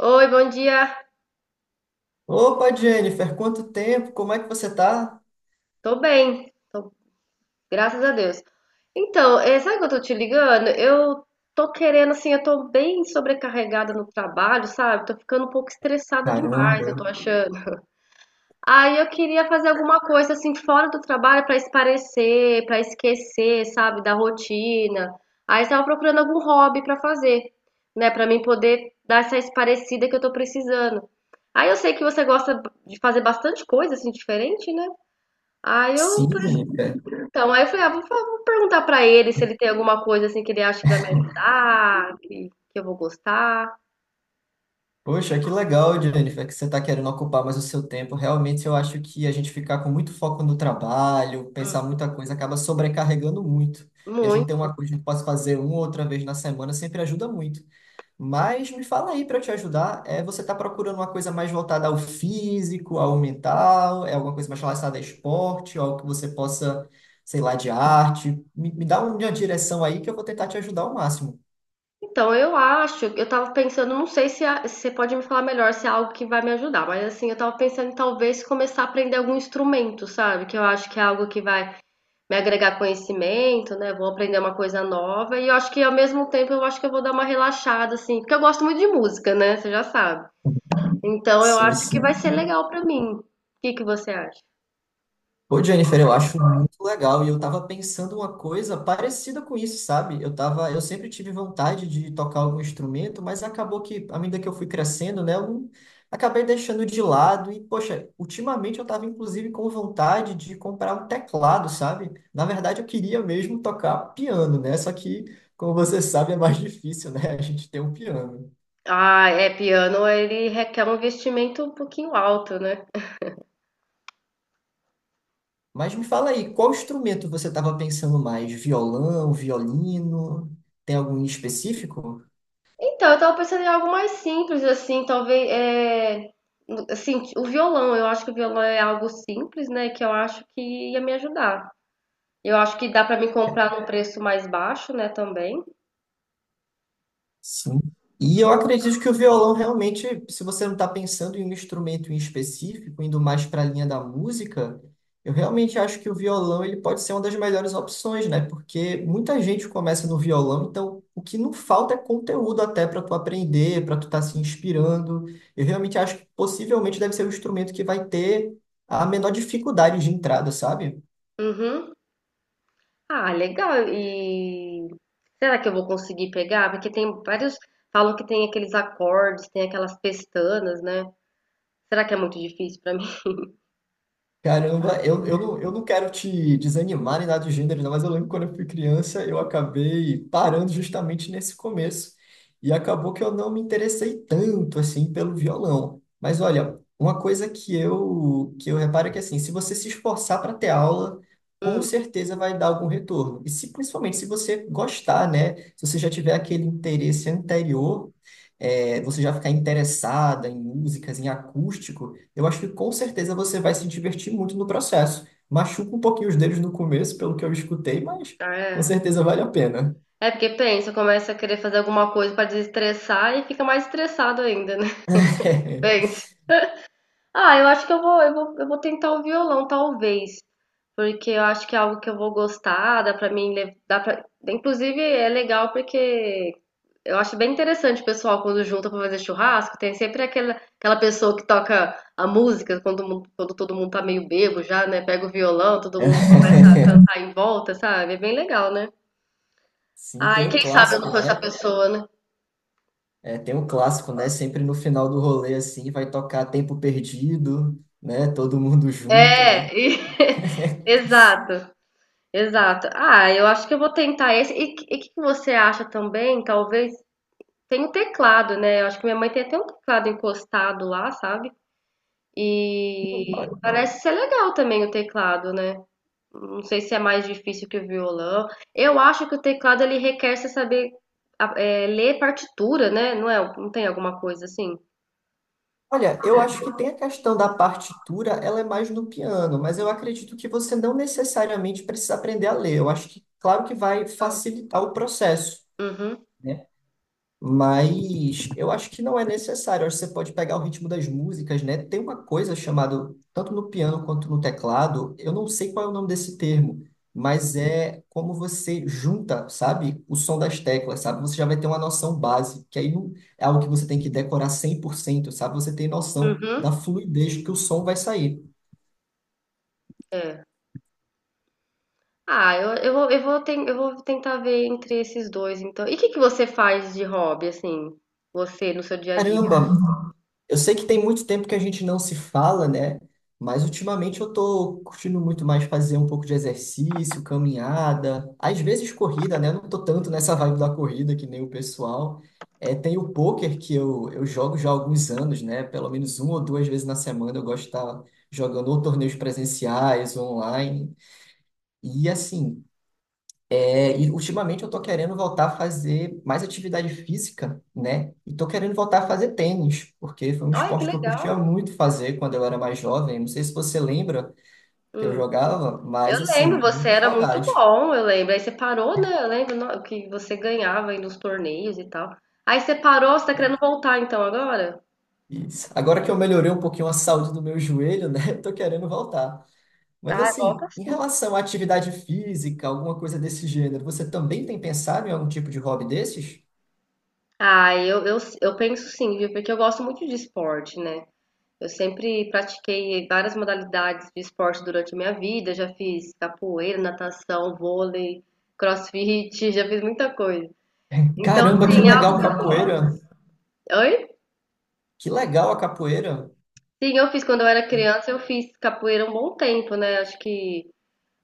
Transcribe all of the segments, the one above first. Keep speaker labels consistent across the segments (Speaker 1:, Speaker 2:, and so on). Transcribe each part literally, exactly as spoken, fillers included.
Speaker 1: Oi, bom dia.
Speaker 2: Opa, Jennifer, quanto tempo? Como é que você tá?
Speaker 1: Tô bem, tô- Graças a Deus. Então, eh, sabe que eu tô te ligando? Eu Tô querendo, assim, eu tô bem sobrecarregada no trabalho, sabe? Tô ficando um pouco estressada demais,
Speaker 2: Caramba.
Speaker 1: eu tô achando. Aí eu queria fazer alguma coisa, assim, fora do trabalho pra esparecer, pra esquecer, sabe, da rotina. Aí eu tava procurando algum hobby pra fazer, né, pra mim poder dar essa esparecida que eu tô precisando. Aí eu sei que você gosta de fazer bastante coisa, assim, diferente, né? Aí eu
Speaker 2: Sim, Jennifer.
Speaker 1: Então, aí eu falei, ah, vou, fa- vou perguntar pra ele se ele tem alguma coisa assim que ele acha que vai me ajudar, que, que eu vou gostar.
Speaker 2: Poxa, que legal, Jennifer, que você está querendo ocupar mais o seu tempo. Realmente, eu acho que a gente ficar com muito foco no trabalho,
Speaker 1: Hum.
Speaker 2: pensar muita coisa, acaba sobrecarregando muito. E a gente ter uma
Speaker 1: Muito.
Speaker 2: coisa que pode fazer uma ou outra vez na semana sempre ajuda muito. Mas me fala aí para te ajudar, é, você está procurando uma coisa mais voltada ao físico, ao mental, é alguma coisa mais relacionada a esporte, algo que você possa, sei lá, de arte? Me, me dá uma direção aí que eu vou tentar te ajudar ao máximo.
Speaker 1: Então, eu acho, eu tava pensando, não sei se, a- se você pode me falar melhor se é algo que vai me ajudar, mas assim, eu tava pensando em talvez começar a aprender algum instrumento, sabe? Que eu acho que é algo que vai me agregar conhecimento, né? Vou aprender uma coisa nova e eu acho que ao mesmo tempo eu acho que eu vou dar uma relaxada, assim, porque eu gosto muito de música, né? Você já sabe. Então, eu
Speaker 2: Sim,
Speaker 1: acho que vai
Speaker 2: sim.
Speaker 1: ser legal pra mim. O que que você acha?
Speaker 2: Pô, Jennifer, eu acho muito legal e eu tava pensando uma coisa parecida com isso, sabe? Eu tava, eu sempre tive vontade de tocar algum instrumento, mas acabou que, à medida que eu fui crescendo, né, eu não- acabei deixando de lado e, poxa, ultimamente eu tava inclusive com vontade de comprar um teclado, sabe? Na verdade, eu queria mesmo tocar piano, né? Só que, como você sabe, é mais difícil, né, a gente ter um piano.
Speaker 1: Ah, é, piano ele requer um investimento um pouquinho alto, né?
Speaker 2: Mas me fala aí, qual instrumento você tava pensando mais? Violão, violino? Tem algum em específico?
Speaker 1: Então, eu tava pensando em algo mais simples, assim, talvez, é, assim, o violão, eu acho que o violão é algo simples, né, que eu acho que ia me ajudar. Eu acho que dá pra me comprar num preço mais baixo, né, também.
Speaker 2: Sim. E eu acredito que o violão realmente, se você não está pensando em um instrumento em específico, indo mais para a linha da música, eu realmente acho que o violão ele pode ser uma das melhores opções, né? Porque muita gente começa no violão, então o que não falta é conteúdo até para tu aprender, para tu estar se inspirando. Eu realmente acho que possivelmente deve ser o instrumento que vai ter a menor dificuldade de entrada, sabe?
Speaker 1: Uhum. Ah, legal, e será que eu vou conseguir pegar? Porque tem vários, falam que tem aqueles acordes, tem aquelas pestanas, né? Será que é muito difícil pra mim?
Speaker 2: Caramba, eu, eu, não, eu não quero te desanimar nem nada do gênero, não, mas eu lembro quando eu fui criança, eu acabei parando justamente nesse começo. E acabou que eu não me interessei tanto assim pelo violão. Mas olha, uma coisa que eu que eu reparo é que assim, se você se esforçar para ter aula, com
Speaker 1: Hum,
Speaker 2: certeza vai dar algum retorno. E se principalmente se você gostar, né? Se você já tiver aquele interesse anterior, eh, você já ficar interessada em músicas, em acústico eu acho que com certeza você vai se divertir muito no processo. Machuca um pouquinho os dedos no começo, pelo que eu escutei, mas
Speaker 1: ah,
Speaker 2: com
Speaker 1: é.
Speaker 2: certeza vale a pena.
Speaker 1: É porque pensa, começa a querer fazer alguma coisa pra desestressar e fica mais estressado ainda, né? Pense. Ah, eu acho que eu vou, eu vou, eu vou tentar o violão, talvez. Porque eu acho que é algo que eu vou gostar, dá pra mim, le- dá pra... Inclusive é legal porque eu acho bem interessante o pessoal quando junta pra fazer churrasco, tem sempre aquela, aquela pessoa que toca a música quando, todo mundo- quando todo mundo tá meio bêbado já, né? Pega o violão, todo mundo começa a cantar em volta, sabe? É bem legal, né?
Speaker 2: Sim,
Speaker 1: Ah,
Speaker 2: tem
Speaker 1: e
Speaker 2: o
Speaker 1: quem sabe eu
Speaker 2: clássico,
Speaker 1: não sou essa
Speaker 2: né?
Speaker 1: pessoa, né?
Speaker 2: É, tem o clássico, né? Sempre no final do rolê, assim, vai tocar Tempo Perdido, né? Todo mundo junta, né?
Speaker 1: É, e- exato, exato. Ah, eu acho que eu vou tentar esse. E o que que você acha também? Talvez tem o teclado, né? Eu acho que minha mãe tem até um teclado encostado lá, sabe?
Speaker 2: Não,
Speaker 1: E
Speaker 2: ó-
Speaker 1: parece ser legal também o teclado, né? Não sei se é mais difícil que o violão. Eu acho que o teclado ele requer você saber a- é, ler partitura, né? Não é? Não tem alguma coisa assim?
Speaker 2: Olha, eu acho que tem a questão da partitura, ela é mais no piano, mas eu acredito que você não necessariamente precisa aprender a ler. Eu acho que, claro que vai
Speaker 1: Não.
Speaker 2: facilitar o processo.
Speaker 1: Uhum,
Speaker 2: Né? Mas eu acho que não é necessário. Eu acho que você pode pegar o ritmo das músicas, né? Tem uma coisa chamada, tanto no piano quanto no teclado, eu não sei qual é o nome desse termo, mas é como você junta, sabe, o som das teclas, sabe? Você já vai ter uma noção base, que aí não é algo que você tem que decorar cem por cento, sabe? Você tem noção
Speaker 1: uhum,
Speaker 2: da fluidez que o som vai sair.
Speaker 1: é. Ah, eu, eu vou, eu vou, ten- eu vou tentar ver entre esses dois, então. E o que que você faz de hobby, assim? Você no seu dia a dia?
Speaker 2: Caramba, eu sei que tem muito tempo que a gente não se fala, né? Mas ultimamente eu tô curtindo muito mais fazer um pouco de exercício, caminhada, às vezes corrida, né? Eu não tô tanto nessa vibe da corrida que nem o pessoal. É, tem o pôquer que eu, eu jogo já há alguns anos, né? Pelo menos uma ou duas vezes na semana eu gosto de estar jogando ou torneios presenciais, ou online. E assim, é, e ultimamente eu tô querendo voltar a fazer mais atividade física, né? E tô querendo voltar a fazer tênis, porque foi um
Speaker 1: Olha, que
Speaker 2: esporte que eu curtia
Speaker 1: legal!
Speaker 2: muito fazer quando eu era mais jovem. Não sei se você lembra que eu
Speaker 1: Hum.
Speaker 2: jogava,
Speaker 1: Eu
Speaker 2: mas
Speaker 1: lembro,
Speaker 2: assim,
Speaker 1: você
Speaker 2: muita
Speaker 1: era muito
Speaker 2: saudade.
Speaker 1: bom, eu lembro. Aí você parou, né? Eu lembro no- Que você ganhava aí nos torneios e tal. Aí você parou, você tá querendo
Speaker 2: É
Speaker 1: voltar então agora?
Speaker 2: isso. Agora que eu melhorei um pouquinho a saúde do meu joelho, né? Eu tô querendo voltar. Mas
Speaker 1: Ah, volta
Speaker 2: assim, em
Speaker 1: sim.
Speaker 2: relação à atividade física, alguma coisa desse gênero, você também tem pensado em algum tipo de hobby desses?
Speaker 1: Ah, eu, eu, eu penso sim, viu? Porque eu gosto muito de esporte, né? Eu sempre pratiquei várias modalidades de esporte durante a minha vida. Já fiz capoeira, natação, vôlei, crossfit, já fiz muita coisa. Então,
Speaker 2: Caramba, que
Speaker 1: assim, é algo
Speaker 2: legal
Speaker 1: que eu
Speaker 2: capoeira!
Speaker 1: gosto. Oi?
Speaker 2: Que legal a capoeira!
Speaker 1: Sim, eu fiz quando eu era criança, eu fiz capoeira um bom tempo, né? Acho que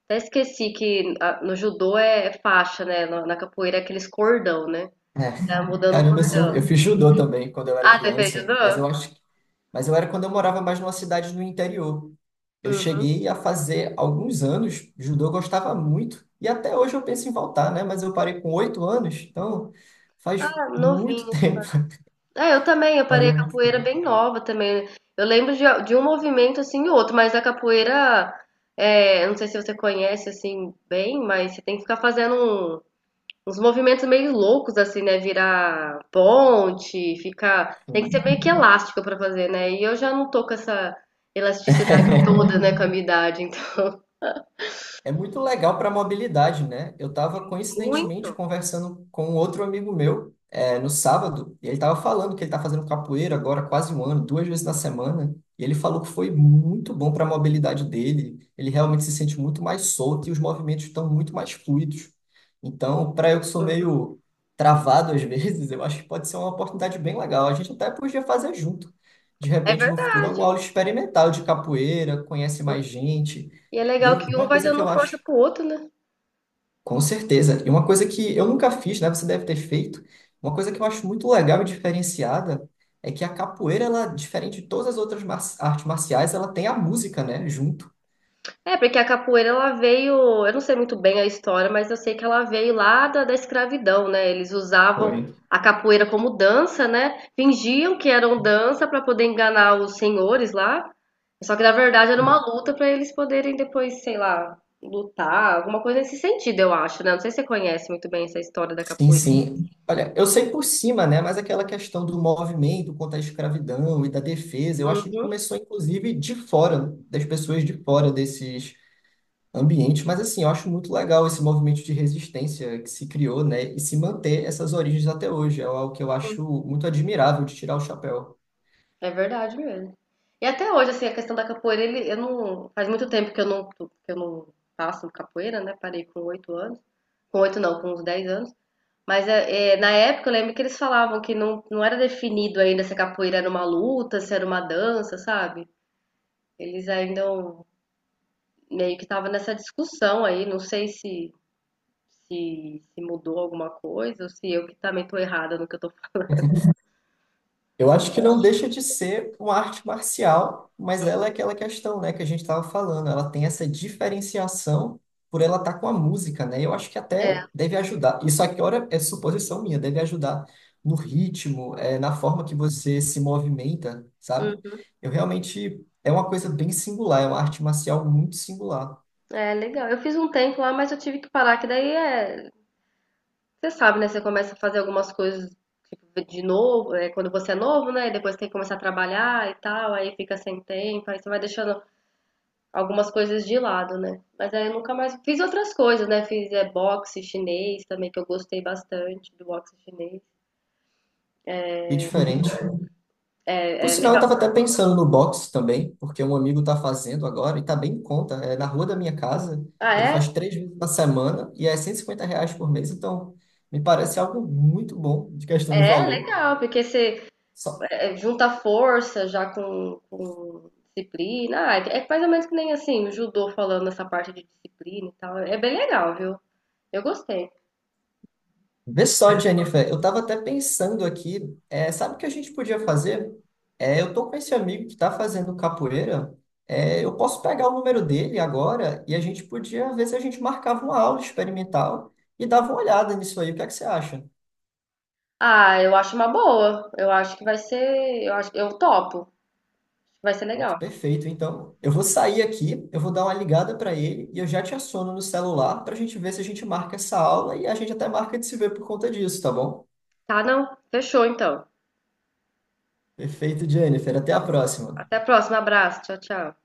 Speaker 1: até esqueci que a- no judô é é faixa, né? Na na capoeira é aqueles cordão, né?
Speaker 2: É.
Speaker 1: Tá mudando o
Speaker 2: Caramba, assim, eu,
Speaker 1: cordão.
Speaker 2: eu fiz judô também quando eu era
Speaker 1: Ah, você fez judô?
Speaker 2: criança, mas eu acho que, mas eu era quando eu morava mais numa cidade no interior. Eu
Speaker 1: Uhum.
Speaker 2: cheguei a fazer alguns anos, judô eu gostava muito, e até hoje eu penso em voltar, né? Mas eu parei com oito anos, então faz
Speaker 1: Ah,
Speaker 2: muito
Speaker 1: novinho,
Speaker 2: tempo.
Speaker 1: ah, eu também, eu parei a
Speaker 2: Valeu muito
Speaker 1: capoeira
Speaker 2: tempo.
Speaker 1: bem nova também. Eu lembro de, de um movimento assim e outro, mas a capoeira, é, eu não sei se você conhece assim bem, mas você tem que ficar fazendo um- uns movimentos meio loucos assim, né? Virar ponte, ficar. Tem que ser meio que elástico pra fazer, né? E eu já não tô com essa elasticidade toda, né, com a minha idade, então.
Speaker 2: É muito legal para mobilidade, né? Eu estava coincidentemente
Speaker 1: Muito.
Speaker 2: conversando com outro amigo meu é, no sábado, e ele estava falando que ele está fazendo capoeira agora há quase um ano, duas vezes na semana, e ele falou que foi muito bom para a mobilidade dele. Ele realmente se sente muito mais solto e os movimentos estão muito mais fluidos. Então, para eu que sou meio travado às vezes, eu acho que pode ser uma oportunidade bem legal. A gente até podia fazer junto. De
Speaker 1: É
Speaker 2: repente, no futuro,
Speaker 1: verdade.
Speaker 2: alguma aula experimental de capoeira, conhece mais gente.
Speaker 1: E é
Speaker 2: E
Speaker 1: legal
Speaker 2: eu,
Speaker 1: que um
Speaker 2: uma
Speaker 1: vai
Speaker 2: coisa que eu
Speaker 1: dando força
Speaker 2: acho
Speaker 1: pro outro, né?
Speaker 2: com certeza. E uma coisa que eu nunca fiz, né? Você deve ter feito. Uma coisa que eu acho muito legal e diferenciada é que a capoeira, ela, diferente de todas as outras mar- artes marciais, ela tem a música, né? Junto.
Speaker 1: É, porque a capoeira ela veio, eu não sei muito bem a história, mas eu sei que ela veio lá da, da escravidão, né? Eles usavam
Speaker 2: Foi.
Speaker 1: a capoeira como dança, né? Fingiam que eram dança para poder enganar os senhores lá. Só que na verdade era uma luta para eles poderem depois, sei lá, lutar, alguma coisa nesse sentido, eu acho, né? Não sei se você conhece muito bem essa história da
Speaker 2: Sim,
Speaker 1: capoeira.
Speaker 2: sim. Olha, eu sei por cima, né? Mas aquela questão do movimento contra a escravidão e da defesa, eu acho que começou, inclusive, de fora, das pessoas de fora desses ambiente, mas assim, eu acho muito legal esse movimento de resistência que se criou, né, e se manter essas origens até hoje, é algo que eu acho muito admirável de tirar o chapéu.
Speaker 1: É verdade mesmo. E até hoje, assim, a questão da capoeira, ele, eu não, faz muito tempo que eu não, que eu não faço capoeira, né? Parei com oito anos. Com oito não, com uns dez anos. Mas é, é, na época eu lembro que eles falavam que não, não era definido ainda se a capoeira era uma luta, se era uma dança, sabe? Eles ainda não- Meio que estavam nessa discussão aí, não sei se, se, se mudou alguma coisa ou se eu que também tô errada no que eu tô falando.
Speaker 2: Eu acho que não deixa de ser uma arte marcial, mas ela é aquela questão, né, que a gente estava falando. Ela tem essa diferenciação por ela estar com a música, né? Eu acho que
Speaker 1: É,
Speaker 2: até deve ajudar. Isso aqui, ora, é suposição minha, deve ajudar no ritmo, é, na forma que você se movimenta, sabe?
Speaker 1: hum,
Speaker 2: Eu realmente é uma coisa bem singular, é uma arte marcial muito singular
Speaker 1: é legal. Eu fiz um tempo lá, mas eu tive que parar, que daí é, você sabe, né? Você começa a fazer algumas coisas tipo, de novo, é, quando você é novo, né? E depois tem que começar a trabalhar e tal, aí fica sem tempo, aí você vai deixando algumas coisas de lado, né? Mas aí eu nunca mais fiz outras coisas, né? Fiz é, boxe chinês também, que eu gostei bastante do boxe chinês.
Speaker 2: e diferente. Por
Speaker 1: É, é
Speaker 2: sinal, eu
Speaker 1: legal.
Speaker 2: tava até pensando no box também, porque um amigo tá fazendo agora e tá bem em conta. É na rua da minha casa,
Speaker 1: Ah,
Speaker 2: ele
Speaker 1: é?
Speaker 2: faz três vezes na semana e é cento e cinquenta reais por mês, então me parece algo muito bom de questão de
Speaker 1: É é
Speaker 2: valor.
Speaker 1: legal, porque você
Speaker 2: Só...
Speaker 1: é, junta força já com, com disciplina. Ah, é mais ou menos que nem assim, o judô falando essa parte de disciplina e tal. É bem legal, viu? Eu gostei.
Speaker 2: Vê só, Jennifer, eu tava até pensando aqui, é, sabe o que a gente podia fazer? É, eu tô com esse amigo que tá fazendo capoeira, é, eu posso pegar o número dele agora e a gente podia ver se a gente marcava uma aula experimental e dava uma olhada nisso aí. O que é que você acha?
Speaker 1: Ah, eu acho uma boa. Eu acho que vai ser. Eu acho, eu topo. Vai ser
Speaker 2: Pronto,
Speaker 1: legal.
Speaker 2: perfeito. Então, eu vou sair aqui, eu vou dar uma ligada para ele e eu já te assono no celular para a gente ver se a gente marca essa aula e a gente até marca de se ver por conta disso, tá bom?
Speaker 1: Tá, não? Fechou então.
Speaker 2: Perfeito, Jennifer. Até
Speaker 1: Tá
Speaker 2: a
Speaker 1: bom.
Speaker 2: próxima.
Speaker 1: Até a próxima. Abraço. Tchau, tchau.